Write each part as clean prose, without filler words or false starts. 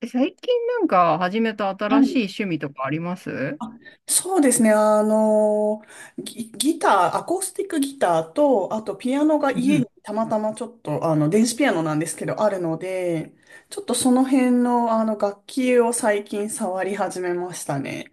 え、最近始めたは新しいい。趣味とかあります？うあ、そうですね。ギター、アコースティックギターと、あとピアノが家ん。にたまたまちょっと、電子ピアノなんですけど、あるので、ちょっとその辺の、楽器を最近触り始めましたね。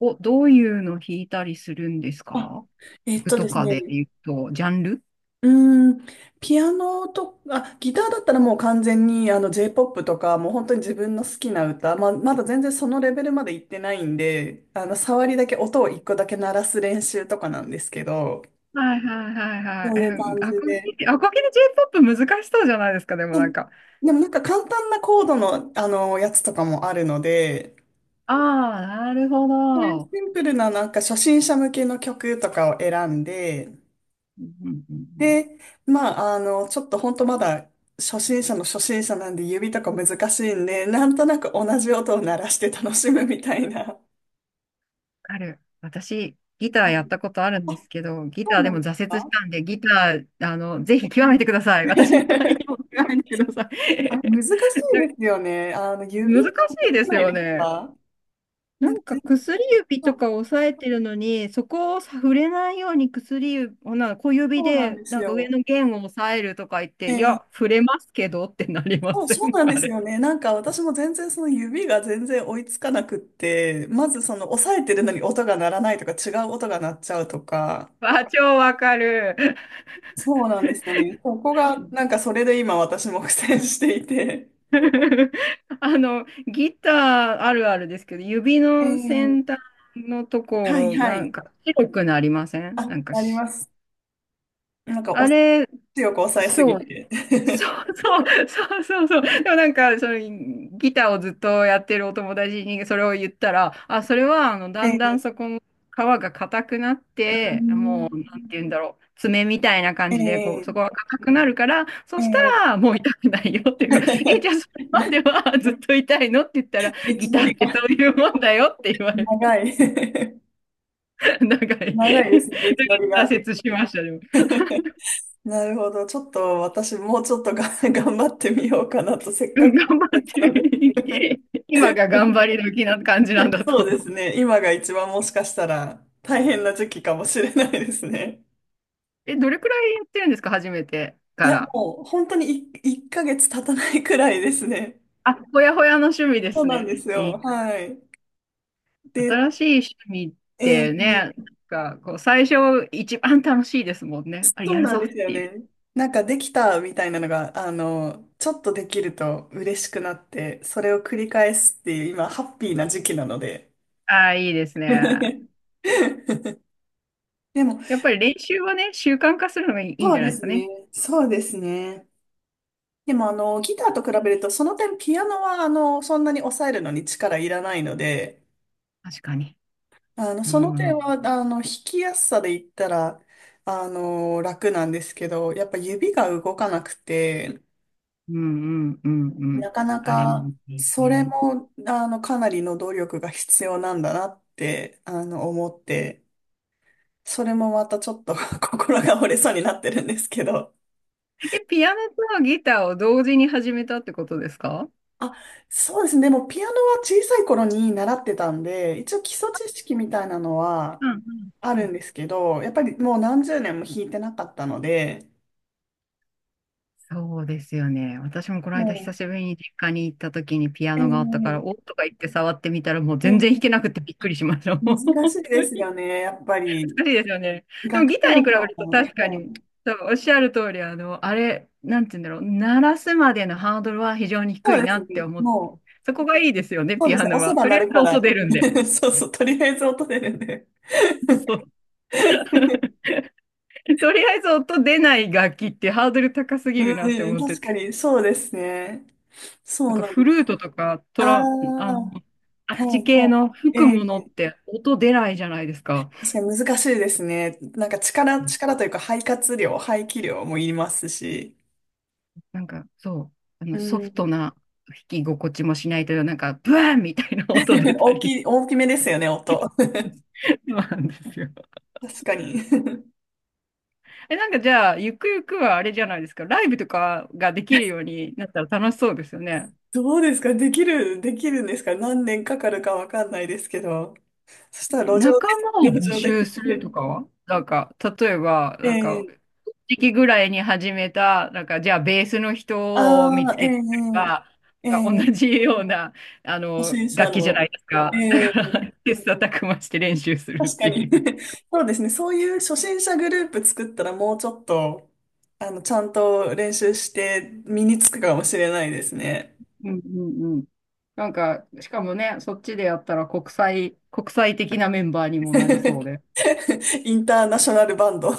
お、どういうの弾いたりするんですあか？えっ服とでとすかでね、言うと、ジャンル？うーん、ピアノと、あ、ギターだったらもう完全にJ-POP とか、もう本当に自分の好きな歌、まだ全然そのレベルまで行ってないんで、触りだけ、音を一個だけ鳴らす練習とかなんですけど、はいはいはいそういうはい。え、感じアコで。ギ、アコギで J-POP 難しそうじゃないですか、でもうなんん。か。でもなんか簡単なコードの、やつとかもあるので、ああ、なるほそういうシど。ンプルななんか初心者向けの曲とかを選んで、うんうんうんうん。で、ちょっと本当まだ初心者の初心者なんで指とか難しいんで、なんとなく同じ音を鳴らして楽しむみたいな。ある。私、ギターやったことあるんあ、ですけど、ギそタうーなでんもです挫折しか？ たんで、ギター、あの、ぜひ極めてください。私の代わりにも極めてくださあい。れ、難しい なんかですよね。指、難し難いしでくすないよですね。か？ななんかんか全然、薬指そとうか押さえてるのに、そこを触れないように薬指、ほな小指そうなんでですなんか上よ。の弦を押さえるとか言っえて、いーや、触れますけどってなりまそう、せそうん？ な んであすれ。よね。なんか私も全然その指が全然追いつかなくって、まずその押さえてるのに音が鳴らないとか違う音が鳴っちゃうとか、あ、超わかる。そうなんですよね。そこが、なんかそれで今私も苦戦していて。あの、ギターあるあるですけど、指えの先端え。のとこはいろ、はなんい。か白くなりません？なあ、んかありし、ます。なんかお、あれ、強く抑えすぎそう。て。そ うそうそうそうそう。でもなんか、そのギターをずっとやってるお友達にそれを言ったら、あ、それはだんだええんそこの皮が硬くなって、もう、なんて言うんだろう、爪みたいな感じで、こう、えそこえが硬くなるから、そえしたえ。 らもう痛くないよっていうか、え、じゃあそ れまではずっと痛いの？って言ったら、道ギタのーりっがてそういうもんだよって言われた。長い。 なんか、長いです挫ね、道のりが。折しましたね。なるほど。ちょっと私もうちょっとが 頑張ってみようかなと、せっうかん、く頑張始めってたので。 る。今が 頑張り時な感じなん だそとう思ですう。ね。今が一番もしかしたら大変な時期かもしれないですね。え、どれくらいやってるんですか、初めていかや、ら？もう本当に1ヶ月経たないくらいですね。あ、ほやほやの趣味でそうすなんでね。すいよ。い、はい。で、新しい趣味っえてね、ーなんかこう最初一番楽しいですもんね。あれそやうるなんぞでっすよていう。ね。なんかできたみたいなのが、ちょっとできると嬉しくなって、それを繰り返すっていう今、ハッピーな時期なので。ああ、いいです ね。でも、やっぱり練習はね、習慣化するのがいいんそじうゃなでいですかすね。ね。そうですね。でもギターと比べると、その点ピアノはそんなに抑えるのに力いらないので、確かに。うそのん、う点ん、は、弾きやすさで言ったら、楽なんですけど、やっぱ指が動かなくて、うん、うん、うなん。かなあれか、もいそれい。も、かなりの努力が必要なんだなって、思って、それもまたちょっと 心が折れそうになってるんですけど。え、ピアノとギターを同時に始めたってことですか？あ、そうですね。でも、ピアノは小さい頃に習ってたんで、一応基礎知識みたいなのはうんあうんうるん。んですけど、やっぱりもう何十年も弾いてなかったので、そうですよね。私もこの間久もしぶりに実家に行った時にピアう、ノがあったから、おっとか言って触ってみたらもうえ全ー然弾けなくてびっくりしました。もう難本しいで当すによね。やっぱり、難しいですよね。でも楽譜ギター読に比むべのるとも、確かはに、い。そうおっしゃる通り、あの、あれ、なんて言うんだろう、鳴らすまでのハードルは非常に低そういですなってね。思って、もう、そこがいいですよね、そうピですアね。ノ押せは。ばとり鳴あえるずから。音出るんで。そうそう。とりあえず音出るんで。そう。とりあえず音出ない楽器ってハードル高すぎるなってうん、思っ確て、かに、そうですね。なそんうかなんでフす。ルートとかトああ、ラ、あの、はあっちい、は系の吹い。くものって音出ないじゃないですか。確かに難しいですね。なんかうん、力というか肺活量、排気量もいりますし。なんかそう、あうのソフトん。な弾き心地もしないという、なんかブワーンみたいな音出 たり。大きめですよね、音。そうなんですよ。確かに。え、なんかじゃあ、ゆくゆくはあれじゃないですか、ライブとかができるようになったら楽しそうですよね。どうですかできるんですか？何年かかるかわかんないですけど。そしたら路上仲で、間を 路募上で聞集すいるて。とかはなんか、例えば、えなんかえ。時期ぐらいに始めた、なんか、じゃあ、ベースの人を見ああつー、けてくれええば、えなんかえ同ええ。じような、あ初の、心者楽器じゃないの、ですか。えだえ。から、切磋琢磨して練習するっ確かていに。 う。そうですね。そういう初心者グループ作ったらもうちょっと、ちゃんと練習して身につくかもしれないですね。うんうんうん。なんか、しかもね、そっちでやったら国際、国際的なメンバーに もなりそうで。インターナショナルバンド。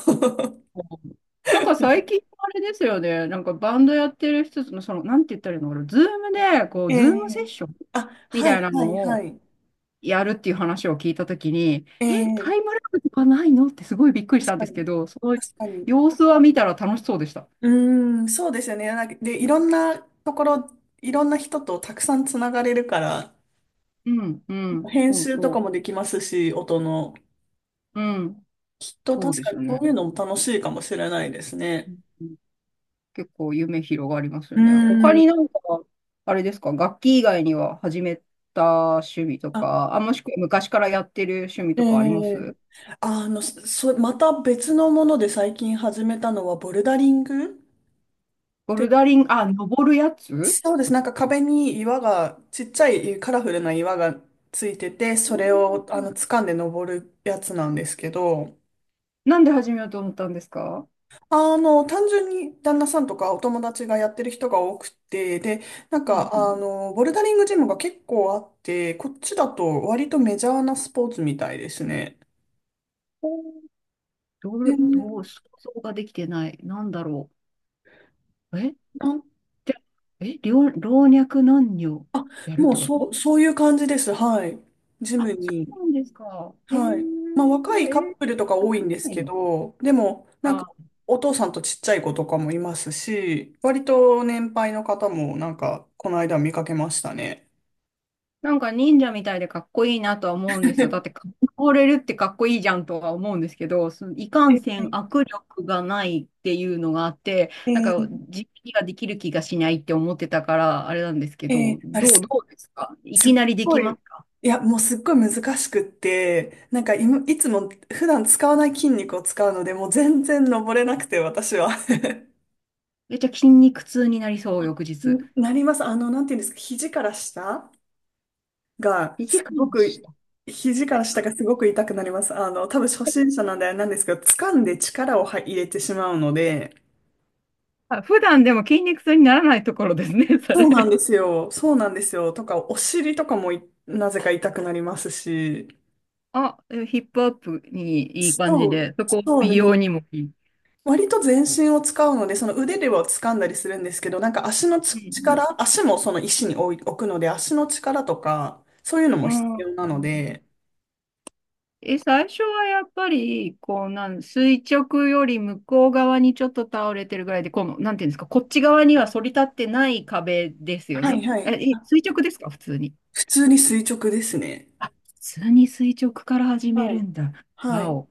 うん。なんか最近あれですよね、なんかバンドやってる人の、その、なんて言ったらいいのかな、ズームで、こ う、えズームセえ、ッションあ、みはたいい、なはい、のはをい。やるっていう話を聞いたときに、ええ、タイえ、ムラグとかないの？ってすごいびっくりした確んかですに、けど、その確かに。様子は見たら楽しそうでした。うーん、そうですよね。なんかで、いろんなところ、いろんな人とたくさんつながれるから、うん、うん、編そう集とかそもできますし、音の。う。うん、きっとそう確でかすによそね。ういうのも楽しいかもしれないですうね。ん、結構夢広がりますうよーね。他ん。になんか、あれですか、楽器以外には始めた趣味とあ、か、あ、もしくは昔からやってる趣味えとかありまえ、す？あの、そ、そまた別のもので最近始めたのはボルダリングっボルて。ダリング、あ、登るやつ？うん。そうです。なんか壁に岩が、ちっちゃいカラフルな岩がついてて、それをあの掴んで登るやつなんですけど、なんで始めようと思ったんですか？単純に旦那さんとかお友達がやってる人が多くて、で、なんか、ボルダリングジムが結構あって、こっちだと割とメジャーなスポーツみたいですね。うん。どう、どう、で想像ができてない。なんだろう。え、なんじゃ、え、老若男女やるっもてうこと？そういう感じです。はい。ジあ、そムに。うなんですか。へえ、えはい。まあ若いカッー、プルとか多いんですけど、でもなんあ、かお父さんとちっちゃい子とかもいますし、割と年配の方もなんかこの間見かけましたね。なんか忍者みたいでかっこいいなとは思うんですよ。だって、か倒れるってかっこいいじゃんとは思うんですけど、そのいかんえせんー、握力がないっていうのがあって、えなんかー、実技ができる気がしないって思ってたから、あれなんですけえど、あれどす、う、どうですか、いすっきなりでごきまい、す？いや、もうすっごい難しくって、なんかいつも普段使わない筋肉を使うので、もう全然登れなくて私は。めっちゃ筋肉痛になりそう、翌 日。んなります。なんていうんですか、が、2かす間ごでしく、た。肘から下がすごく痛くなります。多分初心者なんであれなんですけど、掴んで力を入れてしまうので、あ、普段でも筋肉痛にならないところですね、そそうなんれ。ですよ。そうなんですよ。とか、お尻とかもなぜか痛くなりますし、あ、でもヒップアップにいい感じそう、で、そこそう美です。容にもいい。割と全身を使うので、その腕では掴んだりするんですけど、なんか足もその石に置くので、足の力とか、そういうのもう必ん、う要なん。ので、え、最初はやっぱり、こう、なん、垂直より向こう側にちょっと倒れてるぐらいで、この、なんていうんですか、こっち側には反り立ってない壁ですよはいね。はえ、い。え、垂直ですか、普通に？普通に垂直ですね。あ、普通に垂直から始はめい。るんだ。はわい。お。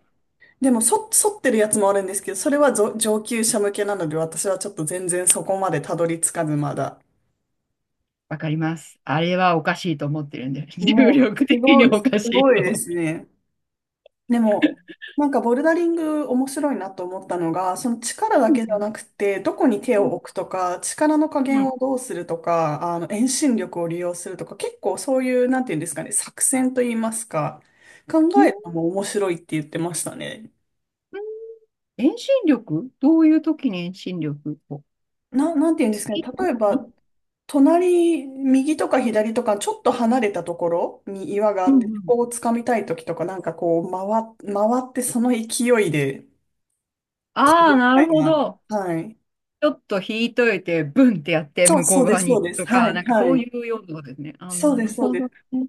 でも、剃ってるやつもあるんですけど、それは上級者向けなので、私はちょっと全然そこまでたどり着かず、まだ。わかります。あれはおかしいと思ってるんで、重も力う、的におすかしいごといで思う。すね。でも、なんかボルダリング面白いなと思ったのが、その力だうけじゃんなくて、どこに手を置くとか、力の加う減んをどうするとか、遠心力を利用するとか、結構そういう、なんていうんですかね、作戦といいますか、考うん、えるのも面白いって言ってましたね。うん、遠心力？どういう時に遠心力を？なんて言うんですかね。月、例えば、隣、右とか左とか、ちょっと離れたところに岩があうっんて、うん。ここを掴みたいときとか、なんかこう、回ってその勢いで、あみあ、なたるいほな。ど。はい。ちょっと引いといて、ブンってやって向こそううで側す、にそう行くです。とはか、ない、んかはそうい。いうようなことですね。あ、そうなです、るそうほでどす。ね。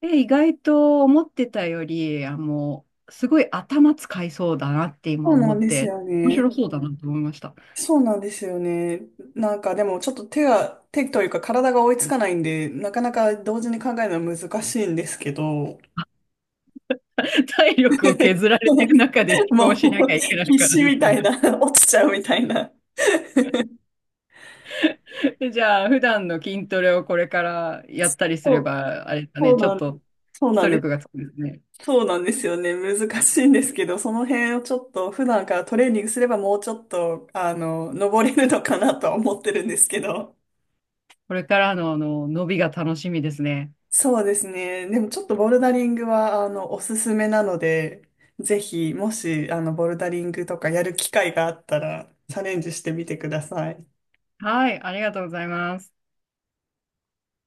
え、意外と思ってたより、あの、すごい頭使いそうだなってそ今う思なんっですて、よ面ね。白そうだなと思いました。そうなんですよね。なんかでもちょっと手というか体が追いつかないんで、なかなか同時に考えるのは難しいんですけど。体力を削ら れてる中で思考もう しなきゃ いけない必から死でみすたよいな、ね。落ちちゃうみたいな。で、じゃあ、普段の筋トレをこれからやったりすそれう、ば、あれだね、そうちょなっんでとす。そう基なん礎です。力がつくんですね。そうなんですよね。難しいんですけど、その辺をちょっと普段からトレーニングすればもうちょっと、登れるのかなとは思ってるんですけど。これからの、あの伸びが楽しみですね。そうですね。でもちょっとボルダリングは、おすすめなので、ぜひ、もし、ボルダリングとかやる機会があったら、チャレンジしてみてください。はい、ありがとうございます。